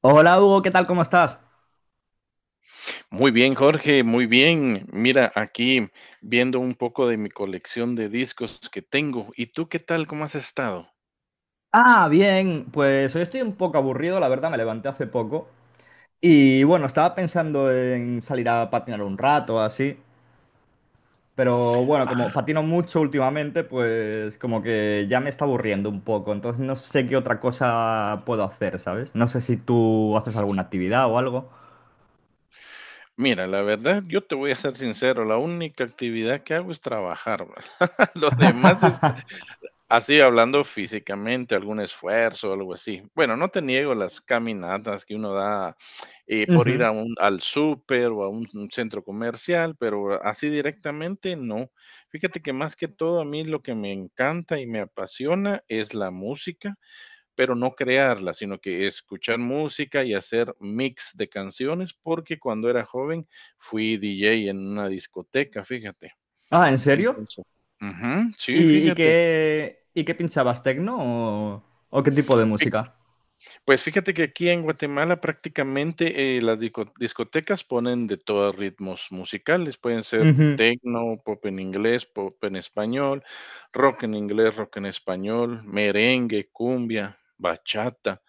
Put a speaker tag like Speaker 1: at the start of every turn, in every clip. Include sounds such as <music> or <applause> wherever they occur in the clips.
Speaker 1: Hola Hugo, ¿qué tal? ¿Cómo estás?
Speaker 2: Muy bien, Jorge, muy bien. Mira, aquí viendo un poco de mi colección de discos que tengo. ¿Y tú qué tal? ¿Cómo has estado?
Speaker 1: Ah, bien, pues hoy estoy un poco aburrido, la verdad, me levanté hace poco. Y bueno, estaba pensando en salir a patinar un rato, o así. Pero bueno,
Speaker 2: Ah,
Speaker 1: como patino mucho últimamente, pues como que ya me está aburriendo un poco. Entonces no sé qué otra cosa puedo hacer, ¿sabes? No sé si tú haces alguna actividad o algo.
Speaker 2: mira, la verdad, yo te voy a ser sincero, la única actividad que hago es trabajar. <laughs> ¿Verdad? Lo demás es... Así hablando físicamente, algún esfuerzo, algo así. Bueno, no te niego las caminatas que uno da por ir
Speaker 1: Ujú.
Speaker 2: a un, al súper o a un centro comercial, pero así directamente no. Fíjate que más que todo a mí lo que me encanta y me apasiona es la música, pero no crearla, sino que escuchar música y hacer mix de canciones, porque cuando era joven fui DJ en una discoteca, fíjate.
Speaker 1: Ah, ¿en serio?
Speaker 2: Entonces, ujú, sí,
Speaker 1: ¿Y, y
Speaker 2: fíjate.
Speaker 1: qué, y qué pinchabas, tecno o, o qué tipo de música?
Speaker 2: Pues fíjate que aquí en Guatemala prácticamente las discotecas ponen de todos ritmos musicales, pueden ser
Speaker 1: Ujú.
Speaker 2: tecno, pop en inglés, pop en español, rock en inglés, rock en español, merengue, cumbia, bachata,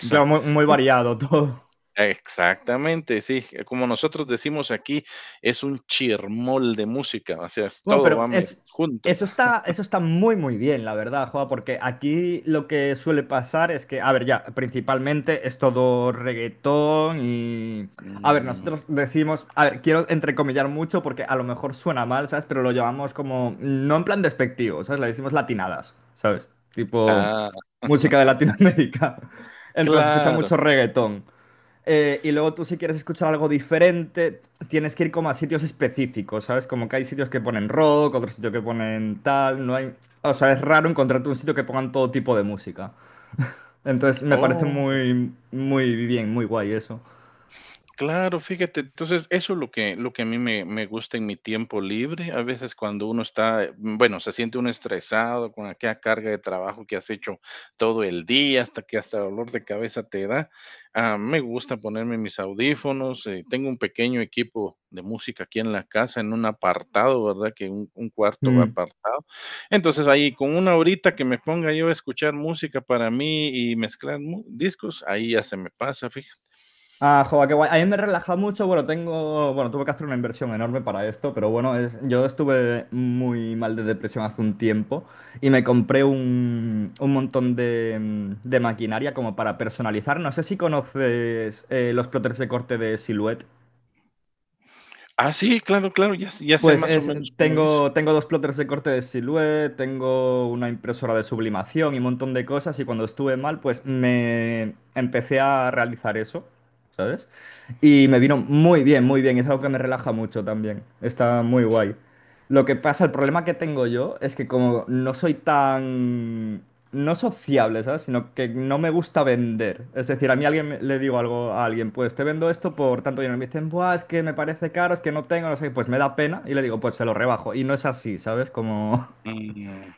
Speaker 1: Claro, muy, muy variado <laughs> todo.
Speaker 2: Exactamente, sí, como nosotros decimos aquí, es un chirmol de música, o sea,
Speaker 1: Bueno,
Speaker 2: todo
Speaker 1: pero
Speaker 2: va
Speaker 1: es,
Speaker 2: junto.
Speaker 1: eso
Speaker 2: <laughs>
Speaker 1: está, eso está muy, muy bien, la verdad, Joa, porque aquí lo que suele pasar es que, a ver, ya, principalmente es todo reggaetón y... A ver,
Speaker 2: Mm,
Speaker 1: nosotros decimos, a ver, quiero entrecomillar mucho porque a lo mejor suena mal, ¿sabes? Pero lo llamamos como, no en plan despectivo, ¿sabes? Le decimos latinadas, ¿sabes? Tipo
Speaker 2: ah,
Speaker 1: música de
Speaker 2: <laughs>
Speaker 1: Latinoamérica. <laughs> En plan, se escucha
Speaker 2: claro.
Speaker 1: mucho reggaetón. Y luego tú si quieres escuchar algo diferente, tienes que ir como a sitios específicos, ¿sabes? Como que hay sitios que ponen rock, otros sitios que ponen tal, no hay... O sea, es raro encontrarte un sitio que pongan todo tipo de música. Entonces me parece
Speaker 2: Oh.
Speaker 1: muy, muy bien, muy guay eso.
Speaker 2: Claro, fíjate, entonces eso es lo que a mí me gusta en mi tiempo libre. A veces cuando uno está, bueno, se siente uno estresado con aquella carga de trabajo que has hecho todo el día, hasta que hasta dolor de cabeza te da. Me gusta ponerme mis audífonos, tengo un pequeño equipo de música aquí en la casa, en un apartado, ¿verdad? Que un cuarto
Speaker 1: Mm.
Speaker 2: apartado. Entonces, ahí con una horita que me ponga yo a escuchar música para mí y mezclar mu discos, ahí ya se me pasa, fíjate.
Speaker 1: Ah, joder, qué guay. A mí me relaja mucho. Bueno, tengo, bueno, tuve que hacer una inversión enorme para esto, pero bueno, es- yo estuve muy mal de depresión hace un tiempo y me compré un montón de, de maquinaria como para personalizar. No sé si conoces los plotters de corte de Silhouette.
Speaker 2: Ah, sí, claro, claro, ya sé
Speaker 1: Pues
Speaker 2: más o
Speaker 1: es,
Speaker 2: menos cómo es.
Speaker 1: tengo, tengo dos plotters de corte de Silhouette, tengo una impresora de sublimación y un montón de cosas y cuando estuve mal pues me empecé a realizar eso, ¿sabes? Y me vino muy bien, es algo que me relaja mucho también, está muy guay. Lo que pasa, el problema que tengo yo es que como no soy tan... No sociable, ¿sabes? Sino que no me gusta vender. Es decir, a mí alguien me- le digo algo a alguien, pues te vendo esto por tanto dinero. Y me dicen, buah, es que me parece caro, es que no tengo, no sé, pues me da pena y le digo, pues se lo rebajo. Y no es así, ¿sabes? Como...
Speaker 2: Mm,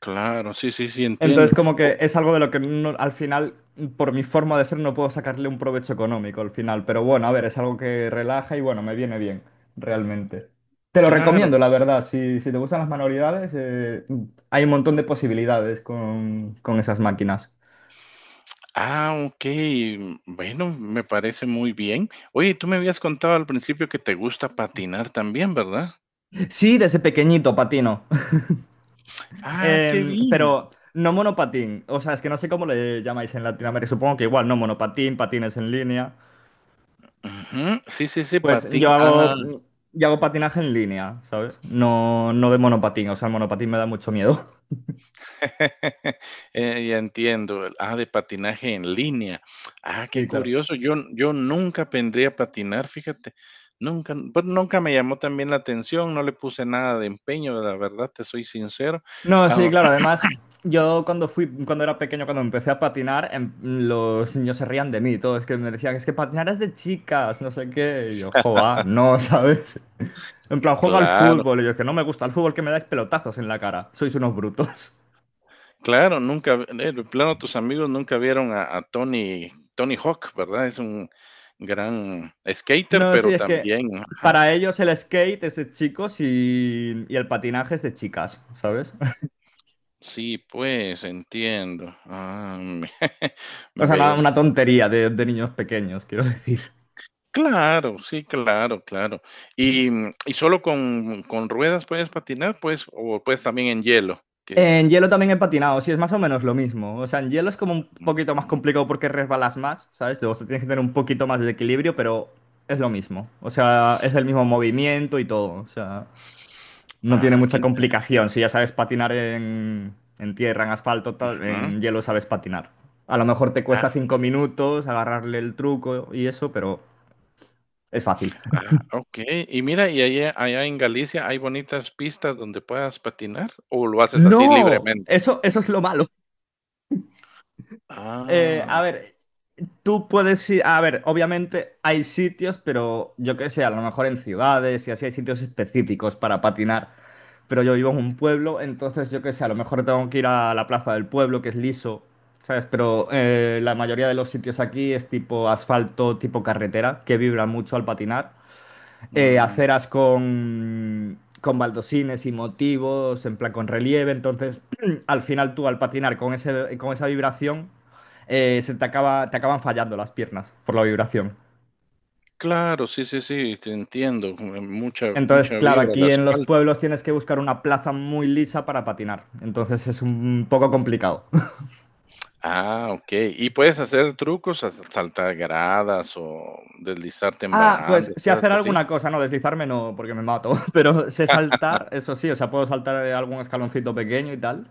Speaker 2: claro, sí, sí, sí, entiendo.
Speaker 1: Entonces, como
Speaker 2: Oh,
Speaker 1: que es algo de lo que no- al final, por mi forma de ser, no puedo sacarle un provecho económico al final. Pero bueno, a ver, es algo que relaja y bueno, me viene bien, realmente. Te lo
Speaker 2: claro.
Speaker 1: recomiendo, la verdad. Si, si te gustan las manualidades, hay un montón de posibilidades con esas máquinas.
Speaker 2: Ah, okey. Mm, bueno, me parece muy bien. Oye, tú me habías contado al principio que te gusta patinar también, ¿verdad?
Speaker 1: Sí, desde pequeñito patino. <laughs>
Speaker 2: Ah, qué bien.
Speaker 1: Pero no monopatín. O sea, es que no sé cómo le llamáis en Latinoamérica. Supongo que igual, no monopatín, patines en línea.
Speaker 2: Ujú. Sí, sí, sí,
Speaker 1: Pues
Speaker 2: patín. Ah.
Speaker 1: yo hago patinaje en línea, ¿sabes? No, no de monopatín, o sea, el monopatín me da mucho miedo. <laughs>
Speaker 2: <laughs> Ya entiendo. Ah, de patinaje en línea. Ah, qué
Speaker 1: Sí, claro.
Speaker 2: curioso. Yo nunca aprendí a patinar, fíjate. Nunca, pues, nunca me llamó también la atención, no le puse nada de empeño, la verdad, te soy sincero.
Speaker 1: No, sí,
Speaker 2: Ah,
Speaker 1: claro,
Speaker 2: <clears throat>
Speaker 1: además, yo cuando fui, cuando era pequeño, cuando empecé a patinar, los niños se rían de mí, todos que me decían, es que patinar es de chicas, no sé qué, y yo, joa, no, ¿sabes? <laughs> En
Speaker 2: que
Speaker 1: plan, juego al
Speaker 2: claro,
Speaker 1: fútbol, y yo, "Es que no me gusta el fútbol, que me dais pelotazos en la cara, sois unos brutos. <laughs>
Speaker 2: claro, nunca, de plano tus amigos nunca vieron a Tony Hawk, ¿verdad? Es un gran skater,
Speaker 1: No, sí,
Speaker 2: pero
Speaker 1: es que
Speaker 2: también ajá.
Speaker 1: para ellos el skate es de chicos y el patinaje es de chicas, ¿sabes?
Speaker 2: Sí, pues, entiendo. Ah, <laughs>
Speaker 1: O sea, una,
Speaker 2: ve,
Speaker 1: una tontería de niños pequeños, quiero decir.
Speaker 2: claro, sí, claro, claro. Y, ¿y solo con ruedas puedes patinar, pues, o puedes también en hielo? Que es...
Speaker 1: En hielo también he patinado, sí, es más o menos lo mismo. O sea, en hielo es como un
Speaker 2: mm,
Speaker 1: poquito más
Speaker 2: mm.
Speaker 1: complicado porque resbalas más, ¿sabes? O sea, tienes que tener un poquito más de equilibrio, pero es lo mismo. O sea, es el mismo movimiento y todo. O sea, no tiene
Speaker 2: Ah, qué
Speaker 1: mucha complicación. Si ya sabes patinar en tierra, en asfalto, tal,
Speaker 2: interesante.
Speaker 1: en hielo sabes patinar. A lo mejor te
Speaker 2: Ah,
Speaker 1: cuesta 5 minutos agarrarle el truco y eso, pero es fácil.
Speaker 2: ah, okey. Y mira, ¿y allá en Galicia hay bonitas pistas donde puedas patinar, o lo haces así
Speaker 1: ¡No!
Speaker 2: libremente?
Speaker 1: Eso es lo malo. A
Speaker 2: Ah,
Speaker 1: ver, tú puedes ir, a ver, obviamente hay sitios, pero yo qué sé, a lo mejor en ciudades y así hay sitios específicos para patinar, pero yo vivo en un pueblo, entonces yo qué sé, a lo mejor tengo que ir a la plaza del pueblo, que es liso, ¿sabes? Pero la mayoría de los sitios aquí es tipo asfalto, tipo carretera, que vibra mucho al patinar
Speaker 2: mm,
Speaker 1: aceras con baldosines y motivos, en plan con relieve. Entonces, <clears throat> al final tú al patinar con, ese, con esa vibración, se te, acaba, te acaban fallando las piernas por la vibración.
Speaker 2: claro, sí, sí, sí, que entiendo, mucha
Speaker 1: Entonces,
Speaker 2: mucha
Speaker 1: claro,
Speaker 2: vibra el
Speaker 1: aquí en los
Speaker 2: asfalto.
Speaker 1: pueblos tienes que buscar una plaza muy lisa para patinar. Entonces es un poco complicado. <laughs>
Speaker 2: Ah, okey. ¿Y puedes hacer trucos, sa saltar gradas o deslizarte en
Speaker 1: Ah, pues
Speaker 2: barandas,
Speaker 1: sé
Speaker 2: cosas
Speaker 1: hacer
Speaker 2: así?
Speaker 1: alguna cosa, no deslizarme no, porque me mato. <laughs> Pero sé saltar, eso sí, o sea, puedo saltar algún escaloncito pequeño y tal.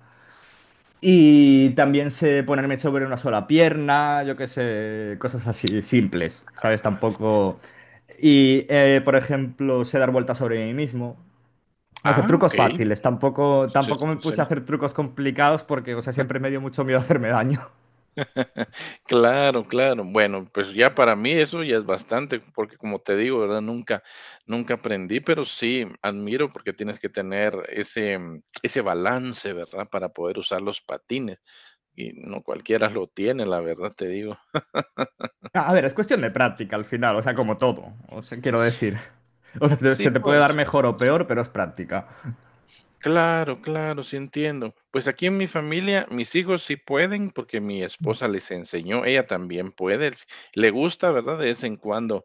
Speaker 1: Y también sé ponerme sobre una sola pierna, yo qué sé, cosas así simples, ¿sabes?
Speaker 2: Ah,
Speaker 1: Tampoco... Y, por ejemplo, sé dar vueltas sobre mí mismo. No sé,
Speaker 2: ah,
Speaker 1: trucos
Speaker 2: okey.
Speaker 1: fáciles. Tampoco,
Speaker 2: Sí,
Speaker 1: tampoco me
Speaker 2: sí,
Speaker 1: puse a
Speaker 2: sí.
Speaker 1: hacer trucos complicados porque, o sea, siempre me dio mucho miedo hacerme daño.
Speaker 2: <laughs> Claro, claro. Bueno, pues ya para mí eso ya es bastante, porque como te digo, ¿verdad? Nunca aprendí, pero sí admiro porque tienes que tener ese ese balance, ¿verdad? Para poder usar los patines, y no cualquiera lo tiene, la verdad te digo.
Speaker 1: <laughs> A ver, es cuestión de práctica al final, o sea, como todo. O sea, quiero decir. <laughs> O sea, te-
Speaker 2: Sí,
Speaker 1: se te puede dar
Speaker 2: pues.
Speaker 1: mejor o peor, pero es práctica.
Speaker 2: Claro, claro, sí entiendo. Pues aquí en mi familia, mis hijos sí pueden porque mi esposa les enseñó, ella también puede, le gusta, ¿verdad? De vez en cuando.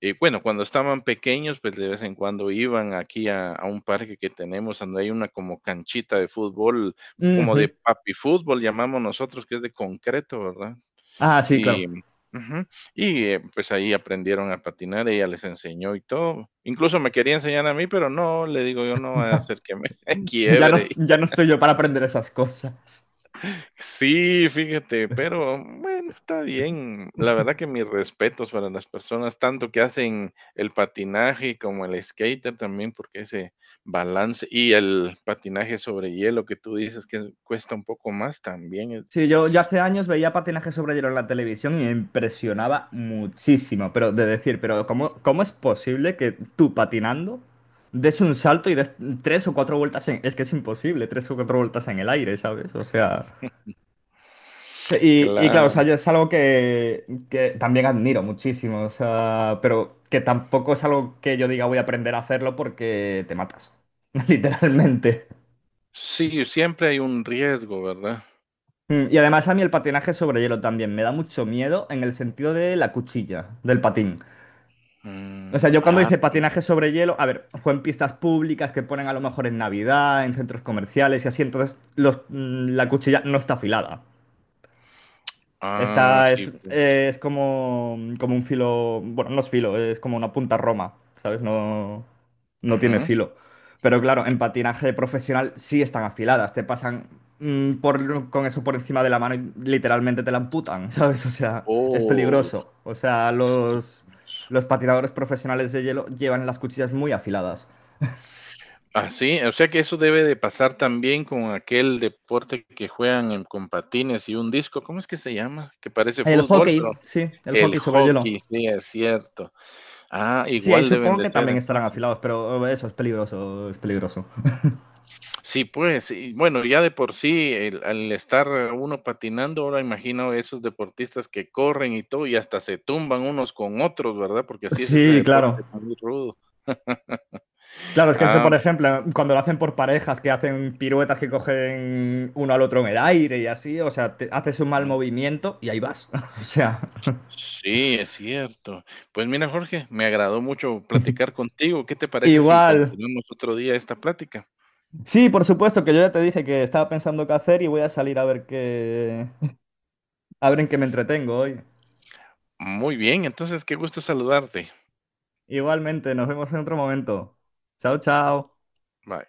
Speaker 2: Y bueno, cuando estaban pequeños, pues de vez en cuando iban aquí a un parque que tenemos, donde hay una como canchita de fútbol, como
Speaker 1: Ujú.
Speaker 2: de papi fútbol, llamamos nosotros, que es de concreto, ¿verdad?
Speaker 1: Ah, sí, claro.
Speaker 2: Y ujú, y, pues, ahí aprendieron a patinar, ella les enseñó y todo. Incluso me quería enseñar a mí, pero no, le digo yo: "No vaya a hacer que me <laughs>
Speaker 1: Ya no,
Speaker 2: quiebre".
Speaker 1: ya no estoy yo para aprender esas cosas.
Speaker 2: Sí, fíjate, pero bueno, está bien. La verdad que mis respetos para las personas, tanto que hacen el patinaje como el skater también, porque ese balance y el patinaje sobre hielo que tú dices que es cuesta un poco más también es...
Speaker 1: Sí, yo hace años veía patinaje sobre hielo en la televisión y me impresionaba muchísimo, pero de decir, pero ¿cómo, cómo es posible que tú patinando des un salto y des tres o cuatro vueltas en... Es que es imposible, tres o cuatro vueltas en el aire, ¿sabes? O sea... sí. Y claro, o sea,
Speaker 2: claro.
Speaker 1: yo es algo que también admiro muchísimo, o sea, pero que tampoco es algo que yo diga voy a aprender a hacerlo porque te matas, <laughs> literalmente.
Speaker 2: Sí, siempre hay un riesgo, ¿verdad?
Speaker 1: Y además a mí el patinaje sobre hielo también me da mucho miedo en el sentido de la cuchilla, del patín. O sea, yo cuando hice
Speaker 2: Mm,
Speaker 1: patinaje sobre hielo, a ver, fue en pistas públicas que ponen a lo mejor en Navidad, en centros comerciales y así, entonces los, la cuchilla no está afilada.
Speaker 2: ah,
Speaker 1: Está,
Speaker 2: sí, pues,
Speaker 1: es como, como un filo, bueno, no es filo, es como una punta roma, ¿sabes? No, no tiene
Speaker 2: ajá.
Speaker 1: filo. Pero claro, en patinaje profesional sí están afiladas, te pasan por, con eso por encima de la mano y literalmente te la amputan, <laughs> ¿sabes? O sea, es
Speaker 2: Oh,
Speaker 1: peligroso. O sea,
Speaker 2: sí, tienes...
Speaker 1: los patinadores profesionales de hielo llevan las cuchillas muy afiladas.
Speaker 2: ah, sí, o sea que eso debe de pasar también con aquel deporte que juegan en con patines y un disco, ¿cómo es que se llama? Que parece
Speaker 1: El
Speaker 2: fútbol, pero...
Speaker 1: hockey, sí, el
Speaker 2: el
Speaker 1: hockey sobre hielo.
Speaker 2: hockey, sí, es cierto. Ah,
Speaker 1: Sí, ahí
Speaker 2: igual deben
Speaker 1: supongo
Speaker 2: de
Speaker 1: que
Speaker 2: ser
Speaker 1: también estarán
Speaker 2: entonces.
Speaker 1: afilados, pero eso es peligroso, es peligroso.
Speaker 2: Sí, pues, y bueno, ya de por sí, el al estar uno patinando, ahora imagino esos deportistas que corren y todo, y hasta se tumban unos con otros, ¿verdad? Porque así es ese
Speaker 1: Sí,
Speaker 2: deporte,
Speaker 1: claro.
Speaker 2: muy rudo. <laughs>
Speaker 1: Claro, es que eso,
Speaker 2: Ah,
Speaker 1: por ejemplo, cuando lo hacen por parejas, que hacen piruetas que cogen uno al otro en el aire y así, o sea, te- haces un mal
Speaker 2: ujú.
Speaker 1: movimiento y ahí vas. <laughs> O sea,
Speaker 2: Sí, es cierto. Pues mira, Jorge, me agradó mucho platicar contigo. ¿Qué te parece si
Speaker 1: igual.
Speaker 2: continuamos otro día esta plática?
Speaker 1: Sí, por supuesto, que yo ya te dije que estaba pensando qué hacer y voy a salir a ver qué, <laughs> a ver en qué me entretengo hoy.
Speaker 2: Muy bien, entonces qué gusto saludarte.
Speaker 1: Igualmente, nos vemos en otro momento. Chao, chao.
Speaker 2: Bye.